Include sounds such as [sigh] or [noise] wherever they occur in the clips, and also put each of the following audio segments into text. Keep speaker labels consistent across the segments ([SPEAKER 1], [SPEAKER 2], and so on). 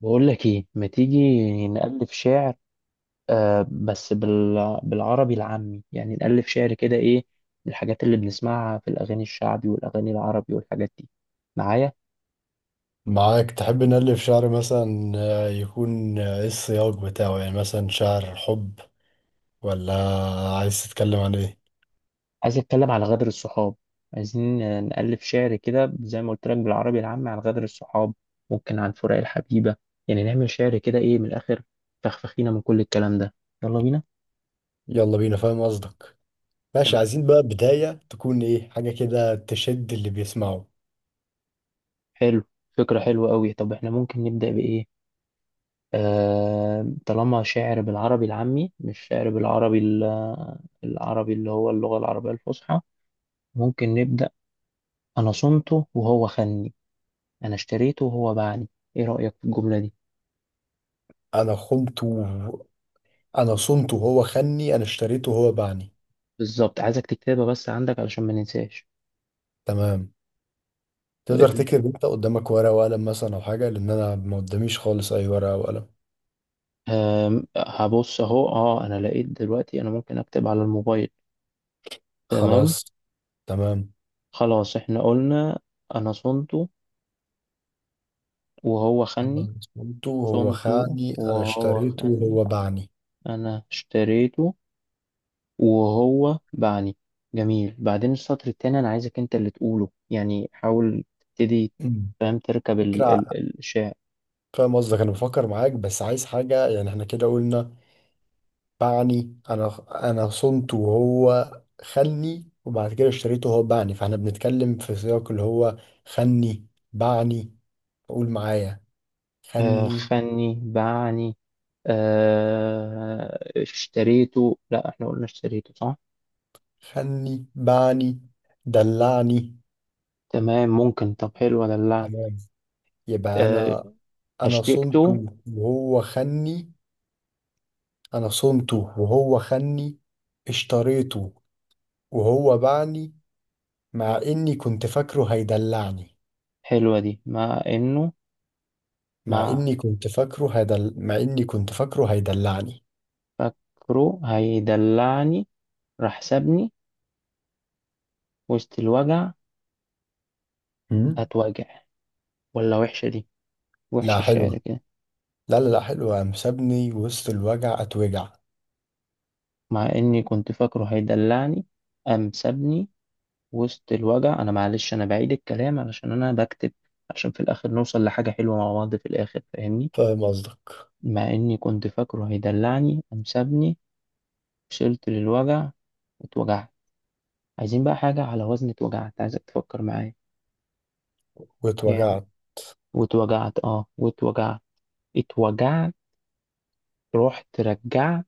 [SPEAKER 1] بقول لك ايه، ما تيجي نألف شعر. بالعربي العامي يعني نألف شعر كده ايه، من الحاجات اللي بنسمعها في الاغاني الشعبي والاغاني العربي والحاجات دي. معايا.
[SPEAKER 2] معاك تحب نألف شعر مثلا، يكون، ايه السياق بتاعه؟ يعني مثلا شعر حب، ولا عايز تتكلم عن ايه؟
[SPEAKER 1] عايز اتكلم على غدر الصحاب. عايزين نألف شعر كده زي ما قلت لك بالعربي العامي عن غدر الصحاب، ممكن عن فراق الحبيبة. يعني نعمل شعر كده ايه من الاخر. فخفخينا من كل الكلام ده. يلا بينا.
[SPEAKER 2] يلا بينا، فاهم قصدك. ماشي،
[SPEAKER 1] تمام.
[SPEAKER 2] عايزين بقى بداية تكون ايه، حاجة كده تشد اللي بيسمعه.
[SPEAKER 1] حلو. فكرة حلوة قوي. طب احنا ممكن نبدأ بإيه؟ طالما شعر بالعربي العامي مش شعر بالعربي العربي اللي هو اللغة العربية الفصحى. ممكن نبدأ. أنا صنته وهو خني، أنا اشتريته وهو باعني. إيه رأيك في الجملة دي؟
[SPEAKER 2] انا خنته. انا صنته وهو خني، انا اشتريته وهو باعني.
[SPEAKER 1] بالظبط، عايزك تكتبها بس عندك علشان ما ننساش.
[SPEAKER 2] تمام. تقدر تكتب انت قدامك ورقة وقلم مثلا او حاجة، لان انا ما قداميش خالص اي ورقة او قلم.
[SPEAKER 1] هبص أهو. أنا لقيت دلوقتي أنا ممكن أكتب على الموبايل. تمام.
[SPEAKER 2] خلاص، تمام.
[SPEAKER 1] خلاص، إحنا قلنا أنا صنته وهو
[SPEAKER 2] انا
[SPEAKER 1] خني.
[SPEAKER 2] صنته وهو
[SPEAKER 1] صنته
[SPEAKER 2] خاني، انا
[SPEAKER 1] وهو
[SPEAKER 2] اشتريته
[SPEAKER 1] خني.
[SPEAKER 2] وهو باعني.
[SPEAKER 1] أنا اشتريته وهو باعني. جميل. بعدين السطر التاني، انا عايزك انت اللي تقوله، يعني حاول تبتدي. فاهم تركب
[SPEAKER 2] فكرة.
[SPEAKER 1] الشعر.
[SPEAKER 2] فاهم قصدك، أنا بفكر معاك، بس عايز حاجة، يعني إحنا كده قلنا باعني. أنا صنته وهو خلني، وبعد كده اشتريته وهو باعني، فإحنا بنتكلم في سياق اللي هو خلني، باعني. قول معايا خلني.
[SPEAKER 1] خني باعني. اشتريته، لا احنا قلنا اشتريته صح.
[SPEAKER 2] خلني، باعني، دلعني.
[SPEAKER 1] تمام، ممكن. طب حلوة دلعني.
[SPEAKER 2] تمام، يبقى
[SPEAKER 1] آه
[SPEAKER 2] أنا
[SPEAKER 1] هشتكته.
[SPEAKER 2] صنته وهو خلني. أنا صنته وهو خلني، اشتريته وهو باعني، مع إني كنت فاكره هيدلعني.
[SPEAKER 1] حلوة دي، مع انه مع
[SPEAKER 2] مع اني كنت فاكره هيدلعني.
[SPEAKER 1] فكره هيدلعني راح سابني وسط الوجع.
[SPEAKER 2] امم
[SPEAKER 1] هتوجع ولا وحشة دي؟ وحشة
[SPEAKER 2] لا،
[SPEAKER 1] الشعر
[SPEAKER 2] حلوة.
[SPEAKER 1] كده.
[SPEAKER 2] لا لا لا، حلوة. قام سابني وسط الوجع، اتوجع.
[SPEAKER 1] مع إني كنت فاكره هيدلعني، قام سابني وسط الوجع. أنا معلش، أنا بعيد الكلام علشان أنا بكتب، عشان في الآخر نوصل لحاجة حلوة مع بعض في الآخر، فاهمني.
[SPEAKER 2] فاهم قصدك.
[SPEAKER 1] مع إني كنت فاكره هيدلعني قام سابني، وصلت للوجع واتوجعت. عايزين بقى حاجة على وزن اتوجعت، عايزك تفكر معايا. جامد.
[SPEAKER 2] واتوجعت.
[SPEAKER 1] واتوجعت، اه واتوجعت، اتوجعت. رحت رجعت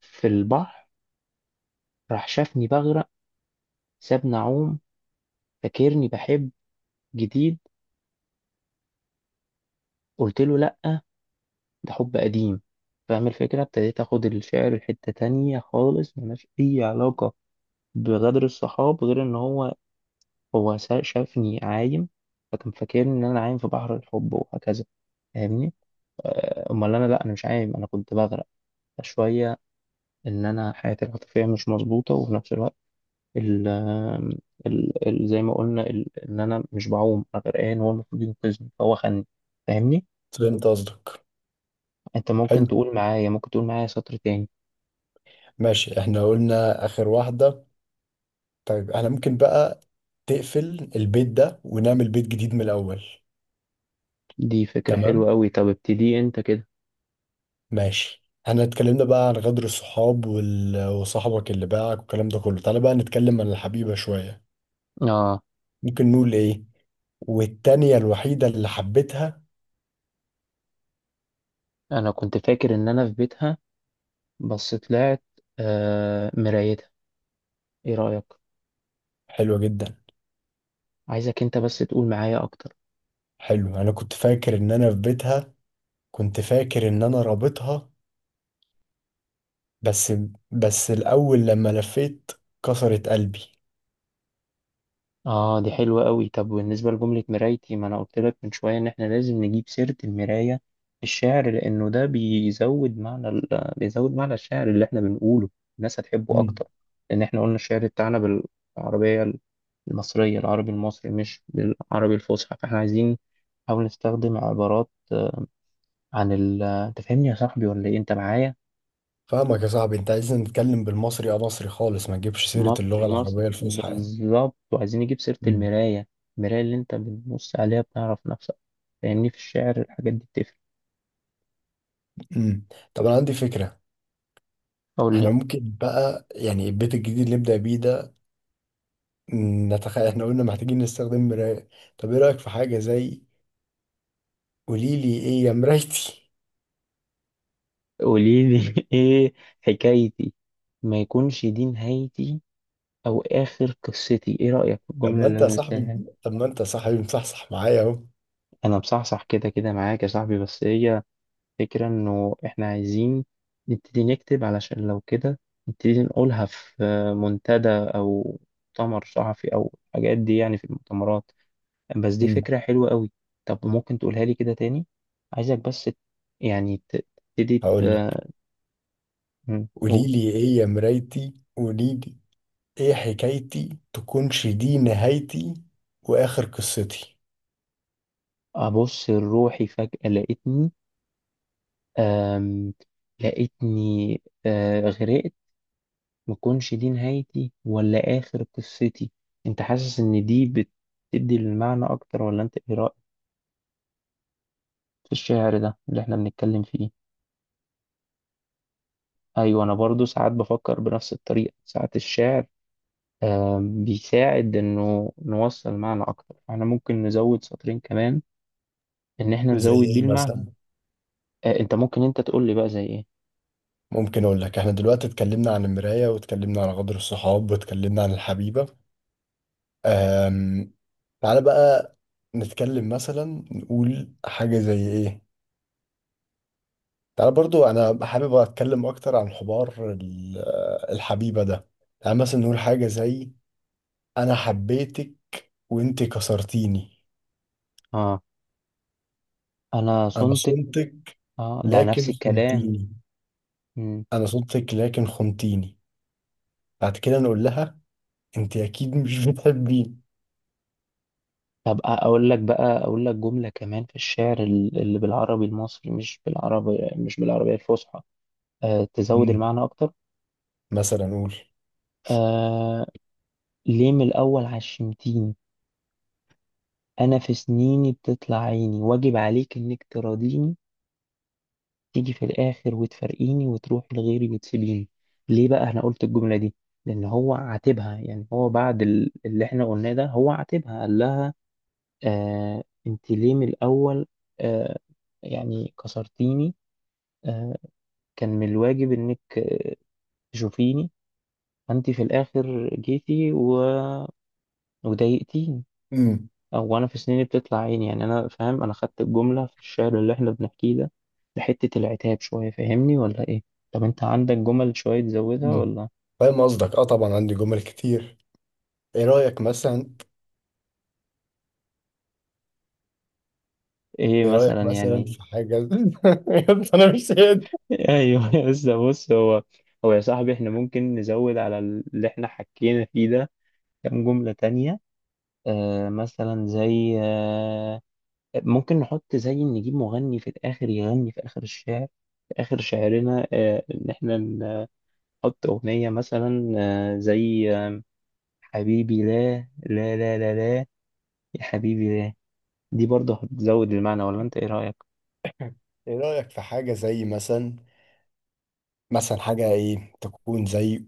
[SPEAKER 1] في البحر، راح شافني بغرق، سابني أعوم، فاكرني بحب جديد. قلت له لأ، ده حب قديم. فاهم الفكرة، ابتديت اخد الشعر لحتة تانية خالص ملهاش اي علاقة بغدر الصحاب، غير ان شافني عايم، فكان فاكرني ان انا عايم في بحر الحب وهكذا، فاهمني. امال انا، لا انا مش عايم، انا كنت بغرق شوية، ان انا حياتي العاطفية مش مظبوطة، وفي نفس الوقت ال ال ال زي ما قلنا ان انا مش بعوم، انا غرقان، هو المفروض ينقذني فهو خدني، فاهمني.
[SPEAKER 2] فهمت قصدك.
[SPEAKER 1] انت ممكن
[SPEAKER 2] حلو،
[SPEAKER 1] تقول معايا، سطر تاني.
[SPEAKER 2] ماشي، احنا قلنا اخر واحدة. طيب احنا ممكن بقى تقفل البيت ده ونعمل بيت جديد من الاول.
[SPEAKER 1] دي فكرة
[SPEAKER 2] تمام،
[SPEAKER 1] حلوة أوي. طب ابتدي أنت كده.
[SPEAKER 2] ماشي. احنا اتكلمنا بقى عن غدر الصحاب وصاحبك اللي باعك والكلام ده كله. تعالى بقى نتكلم عن الحبيبة شوية.
[SPEAKER 1] آه
[SPEAKER 2] ممكن نقول ايه؟ والتانية الوحيدة اللي حبيتها.
[SPEAKER 1] أنا كنت فاكر إن أنا في بيتها، بس طلعت مرايتها. إيه رأيك؟
[SPEAKER 2] حلوة جدا.
[SPEAKER 1] عايزك أنت بس تقول معايا أكتر.
[SPEAKER 2] حلو، انا كنت فاكر ان انا في بيتها، كنت فاكر ان انا رابطها، بس بس الاول لما لفيت كسرت قلبي.
[SPEAKER 1] اه دي حلوة قوي. طب بالنسبة لجملة مرايتي، ما انا قلت لك من شوية ان احنا لازم نجيب سيرة المراية في الشعر، لانه ده بيزود معنى بيزود معنى الشعر اللي احنا بنقوله. الناس هتحبه
[SPEAKER 2] مم.
[SPEAKER 1] اكتر، لان احنا قلنا الشعر بتاعنا بالعربية المصرية، العربي المصري مش بالعربي الفصحى، فاحنا عايزين نحاول نستخدم عبارات عن ال انت فاهمني يا صاحبي ولا ايه؟ انت معايا؟
[SPEAKER 2] فاهمك يا صاحبي، انت عايزني نتكلم بالمصري، اه، مصري خالص، ما تجيبش سيرة اللغة
[SPEAKER 1] مصري مصري
[SPEAKER 2] العربية الفصحى يعني.
[SPEAKER 1] بالظبط، وعايزين نجيب سيرة
[SPEAKER 2] مم.
[SPEAKER 1] المراية. المراية اللي انت بتبص عليها بتعرف نفسك، لأن في الشعر الحاجات دي بتفرق.
[SPEAKER 2] امم طب انا عندي فكرة.
[SPEAKER 1] أقول
[SPEAKER 2] احنا
[SPEAKER 1] لي.
[SPEAKER 2] ممكن بقى يعني البيت الجديد اللي نبدأ بيه ده، نتخيل احنا قلنا محتاجين نستخدم مراية. طب ايه رأيك في حاجة زي: قوليلي ايه يا مرايتي؟
[SPEAKER 1] قولي لي [laughs] إيه حكايتي، ما يكونش دي نهايتي أو آخر قصتي. إيه رأيك في
[SPEAKER 2] طب
[SPEAKER 1] الجملة
[SPEAKER 2] ما
[SPEAKER 1] اللي
[SPEAKER 2] انت يا
[SPEAKER 1] أنا قلتها
[SPEAKER 2] صاحبي
[SPEAKER 1] هنا؟
[SPEAKER 2] طب ما انت يا صاحبي مصحصح معايا اهو.
[SPEAKER 1] أنا مصحصح كده كده معاك يا صاحبي، بس هي فكرة إنه إحنا عايزين نبتدي نكتب، علشان لو كده نبتدي نقولها في منتدى أو مؤتمر صحفي أو الحاجات دي، يعني في المؤتمرات. بس دي
[SPEAKER 2] مم.
[SPEAKER 1] فكرة حلوة قوي. طب ممكن تقولها لي كده تاني، عايزك بس يعني ت- تبتدي.
[SPEAKER 2] هقول لك.
[SPEAKER 1] مم، قول.
[SPEAKER 2] قولي لي ايه يا مرايتي، قولي لي ايه حكايتي، تكونش دي نهايتي واخر قصتي.
[SPEAKER 1] أبص لروحي فجأة، لقيتني أم لقيتني آه، غرقت. مكونش دي نهايتي ولا آخر قصتي. أنت حاسس إن دي بتدي المعنى أكتر، ولا أنت إيه رأيك في الشعر ده اللي إحنا بنتكلم فيه؟ أيوة، أنا برضو ساعات بفكر بنفس الطريقة. ساعات الشعر بيساعد انه نوصل معنى اكتر. احنا ممكن نزود سطرين كمان، ان احنا
[SPEAKER 2] زي
[SPEAKER 1] نزود بيه
[SPEAKER 2] ايه
[SPEAKER 1] المعنى.
[SPEAKER 2] مثلا؟
[SPEAKER 1] انت ممكن انت تقول لي بقى زي ايه.
[SPEAKER 2] ممكن اقول لك، احنا دلوقتي اتكلمنا عن المراية، واتكلمنا عن غدر الصحاب، واتكلمنا عن الحبيبة. أم... تعالى بقى نتكلم مثلا، نقول حاجة زي ايه. تعالى برضو، انا حابب اتكلم اكتر عن حوار الحبيبة ده. يعني مثلا نقول حاجة زي: انا حبيتك وانت كسرتيني،
[SPEAKER 1] اه انا
[SPEAKER 2] انا
[SPEAKER 1] صنتك.
[SPEAKER 2] صنتك
[SPEAKER 1] اه ده نفس
[SPEAKER 2] لكن
[SPEAKER 1] الكلام.
[SPEAKER 2] خنتيني.
[SPEAKER 1] مم.
[SPEAKER 2] انا صنتك لكن خنتيني. بعد كده نقول لها انت اكيد مش [laughs] بتحبيني.
[SPEAKER 1] طب اقول لك بقى، اقول لك جملة كمان في الشعر اللي بالعربي المصري، مش بالعربي، مش بالعربية الفصحى، تزود
[SPEAKER 2] مم.
[SPEAKER 1] المعنى اكتر.
[SPEAKER 2] مثلا نقول.
[SPEAKER 1] آه ليه من الاول عشمتيني، انا في سنيني بتطلع عيني، واجب عليك انك تراضيني. تيجي في الآخر وتفارقيني وتروحي لغيري وتسيبيني. ليه بقى أنا قلت الجملة دي؟ لأن هو عاتبها. يعني هو بعد اللي إحنا قلناه ده، هو عاتبها قال لها: أنت ليه من الأول آه يعني كسرتيني. آه كان من الواجب إنك تشوفيني. أنت في الآخر جيتي وضايقتيني.
[SPEAKER 2] مم.
[SPEAKER 1] او انا في سنيني بتطلع عيني. يعني انا فاهم، انا خدت الجمله في الشعر اللي احنا بنحكيه ده لحته العتاب شويه، فاهمني ولا ايه؟ طب انت عندك جمل شويه تزودها
[SPEAKER 2] مم.
[SPEAKER 1] ولا؟
[SPEAKER 2] فاهم قصدك، اه، طبعا عندي جمل كتير. ايه رايك مثلا؟
[SPEAKER 1] ايه مثلا يعني؟
[SPEAKER 2] في حاجه [laughs] انا مش قادر.
[SPEAKER 1] [laughs] ايوه، بس بص، هو يا صاحبي، احنا ممكن نزود على اللي احنا حكينا فيه ده كام جمله تانية. مثلا زي ممكن نحط زي نجيب مغني في الاخر يغني في اخر الشعر، في اخر شعرنا ان احنا نحط اغنيه مثلا زي حبيبي لا لا لا لا لا، يا حبيبي لا. دي برضه هتزود المعنى ولا انت ايه رأيك؟
[SPEAKER 2] ايه رايك في حاجه زي مثلا حاجه ايه تكون زي.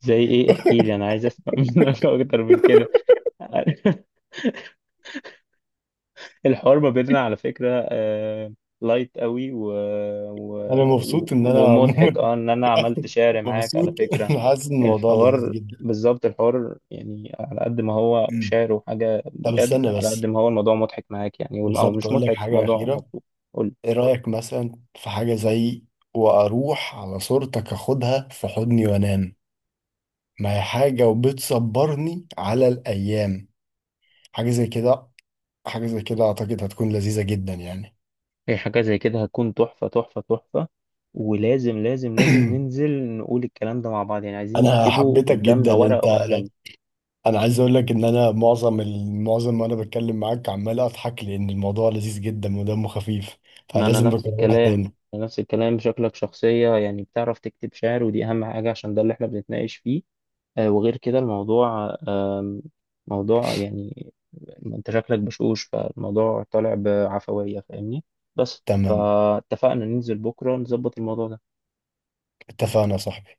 [SPEAKER 1] زي ايه، احكي لي، انا عايز اسمع [laughs] منك اكتر من كده. [laughs] الحوار ما بيننا على فكرة لايت قوي و...
[SPEAKER 2] انا مبسوط ان انا
[SPEAKER 1] ومضحك.
[SPEAKER 2] عموما
[SPEAKER 1] اه ان انا عملت
[SPEAKER 2] [laughs]
[SPEAKER 1] شعر معاك على
[SPEAKER 2] مبسوط،
[SPEAKER 1] فكرة.
[SPEAKER 2] انا حاسس ان الموضوع لذيذ
[SPEAKER 1] الحوار،
[SPEAKER 2] جدا.
[SPEAKER 1] بالظبط الحوار، يعني على قد ما هو
[SPEAKER 2] مم.
[SPEAKER 1] شعر وحاجة
[SPEAKER 2] طب
[SPEAKER 1] بجد،
[SPEAKER 2] استنى
[SPEAKER 1] على
[SPEAKER 2] بس،
[SPEAKER 1] قد ما هو الموضوع مضحك معاك، يعني او
[SPEAKER 2] بالظبط
[SPEAKER 1] مش
[SPEAKER 2] اقول لك
[SPEAKER 1] مضحك،
[SPEAKER 2] حاجه
[SPEAKER 1] موضوع
[SPEAKER 2] اخيره.
[SPEAKER 1] مبسوط. قول لي.
[SPEAKER 2] ايه رايك مثلا في حاجه زي: واروح على صورتك اخدها في حضني وانام، ما هي حاجه وبتصبرني على الايام. حاجه زي كده. حاجه زي كده اعتقد هتكون لذيذه جدا يعني.
[SPEAKER 1] هي حاجة زي كده هتكون تحفة تحفة تحفة. ولازم لازم لازم ننزل
[SPEAKER 2] [clears throat]
[SPEAKER 1] نقول الكلام ده مع بعض. يعني عايزين
[SPEAKER 2] انا
[SPEAKER 1] نكتبه
[SPEAKER 2] حبيتك
[SPEAKER 1] قدامنا
[SPEAKER 2] جدا
[SPEAKER 1] ورقة
[SPEAKER 2] انت.
[SPEAKER 1] وقلم.
[SPEAKER 2] انا عايز اقول لك ان انا معظم المعظم وانا بتكلم معاك عمال اضحك، لان الموضوع لذيذ جدا ودمه خفيف،
[SPEAKER 1] ما أنا
[SPEAKER 2] فلازم
[SPEAKER 1] نفس
[SPEAKER 2] نكررها
[SPEAKER 1] الكلام.
[SPEAKER 2] تاني.
[SPEAKER 1] أنا نفس الكلام. شكلك شخصية يعني بتعرف تكتب شعر، ودي أهم حاجة عشان ده اللي إحنا بنتناقش فيه. وغير كده الموضوع موضوع يعني أنت شكلك بشوش، فالموضوع طالع بعفوية، فاهمني. بس
[SPEAKER 2] تمام،
[SPEAKER 1] فاتفقنا ننزل بكرة نظبط الموضوع ده.
[SPEAKER 2] اتفقنا يا صاحبي.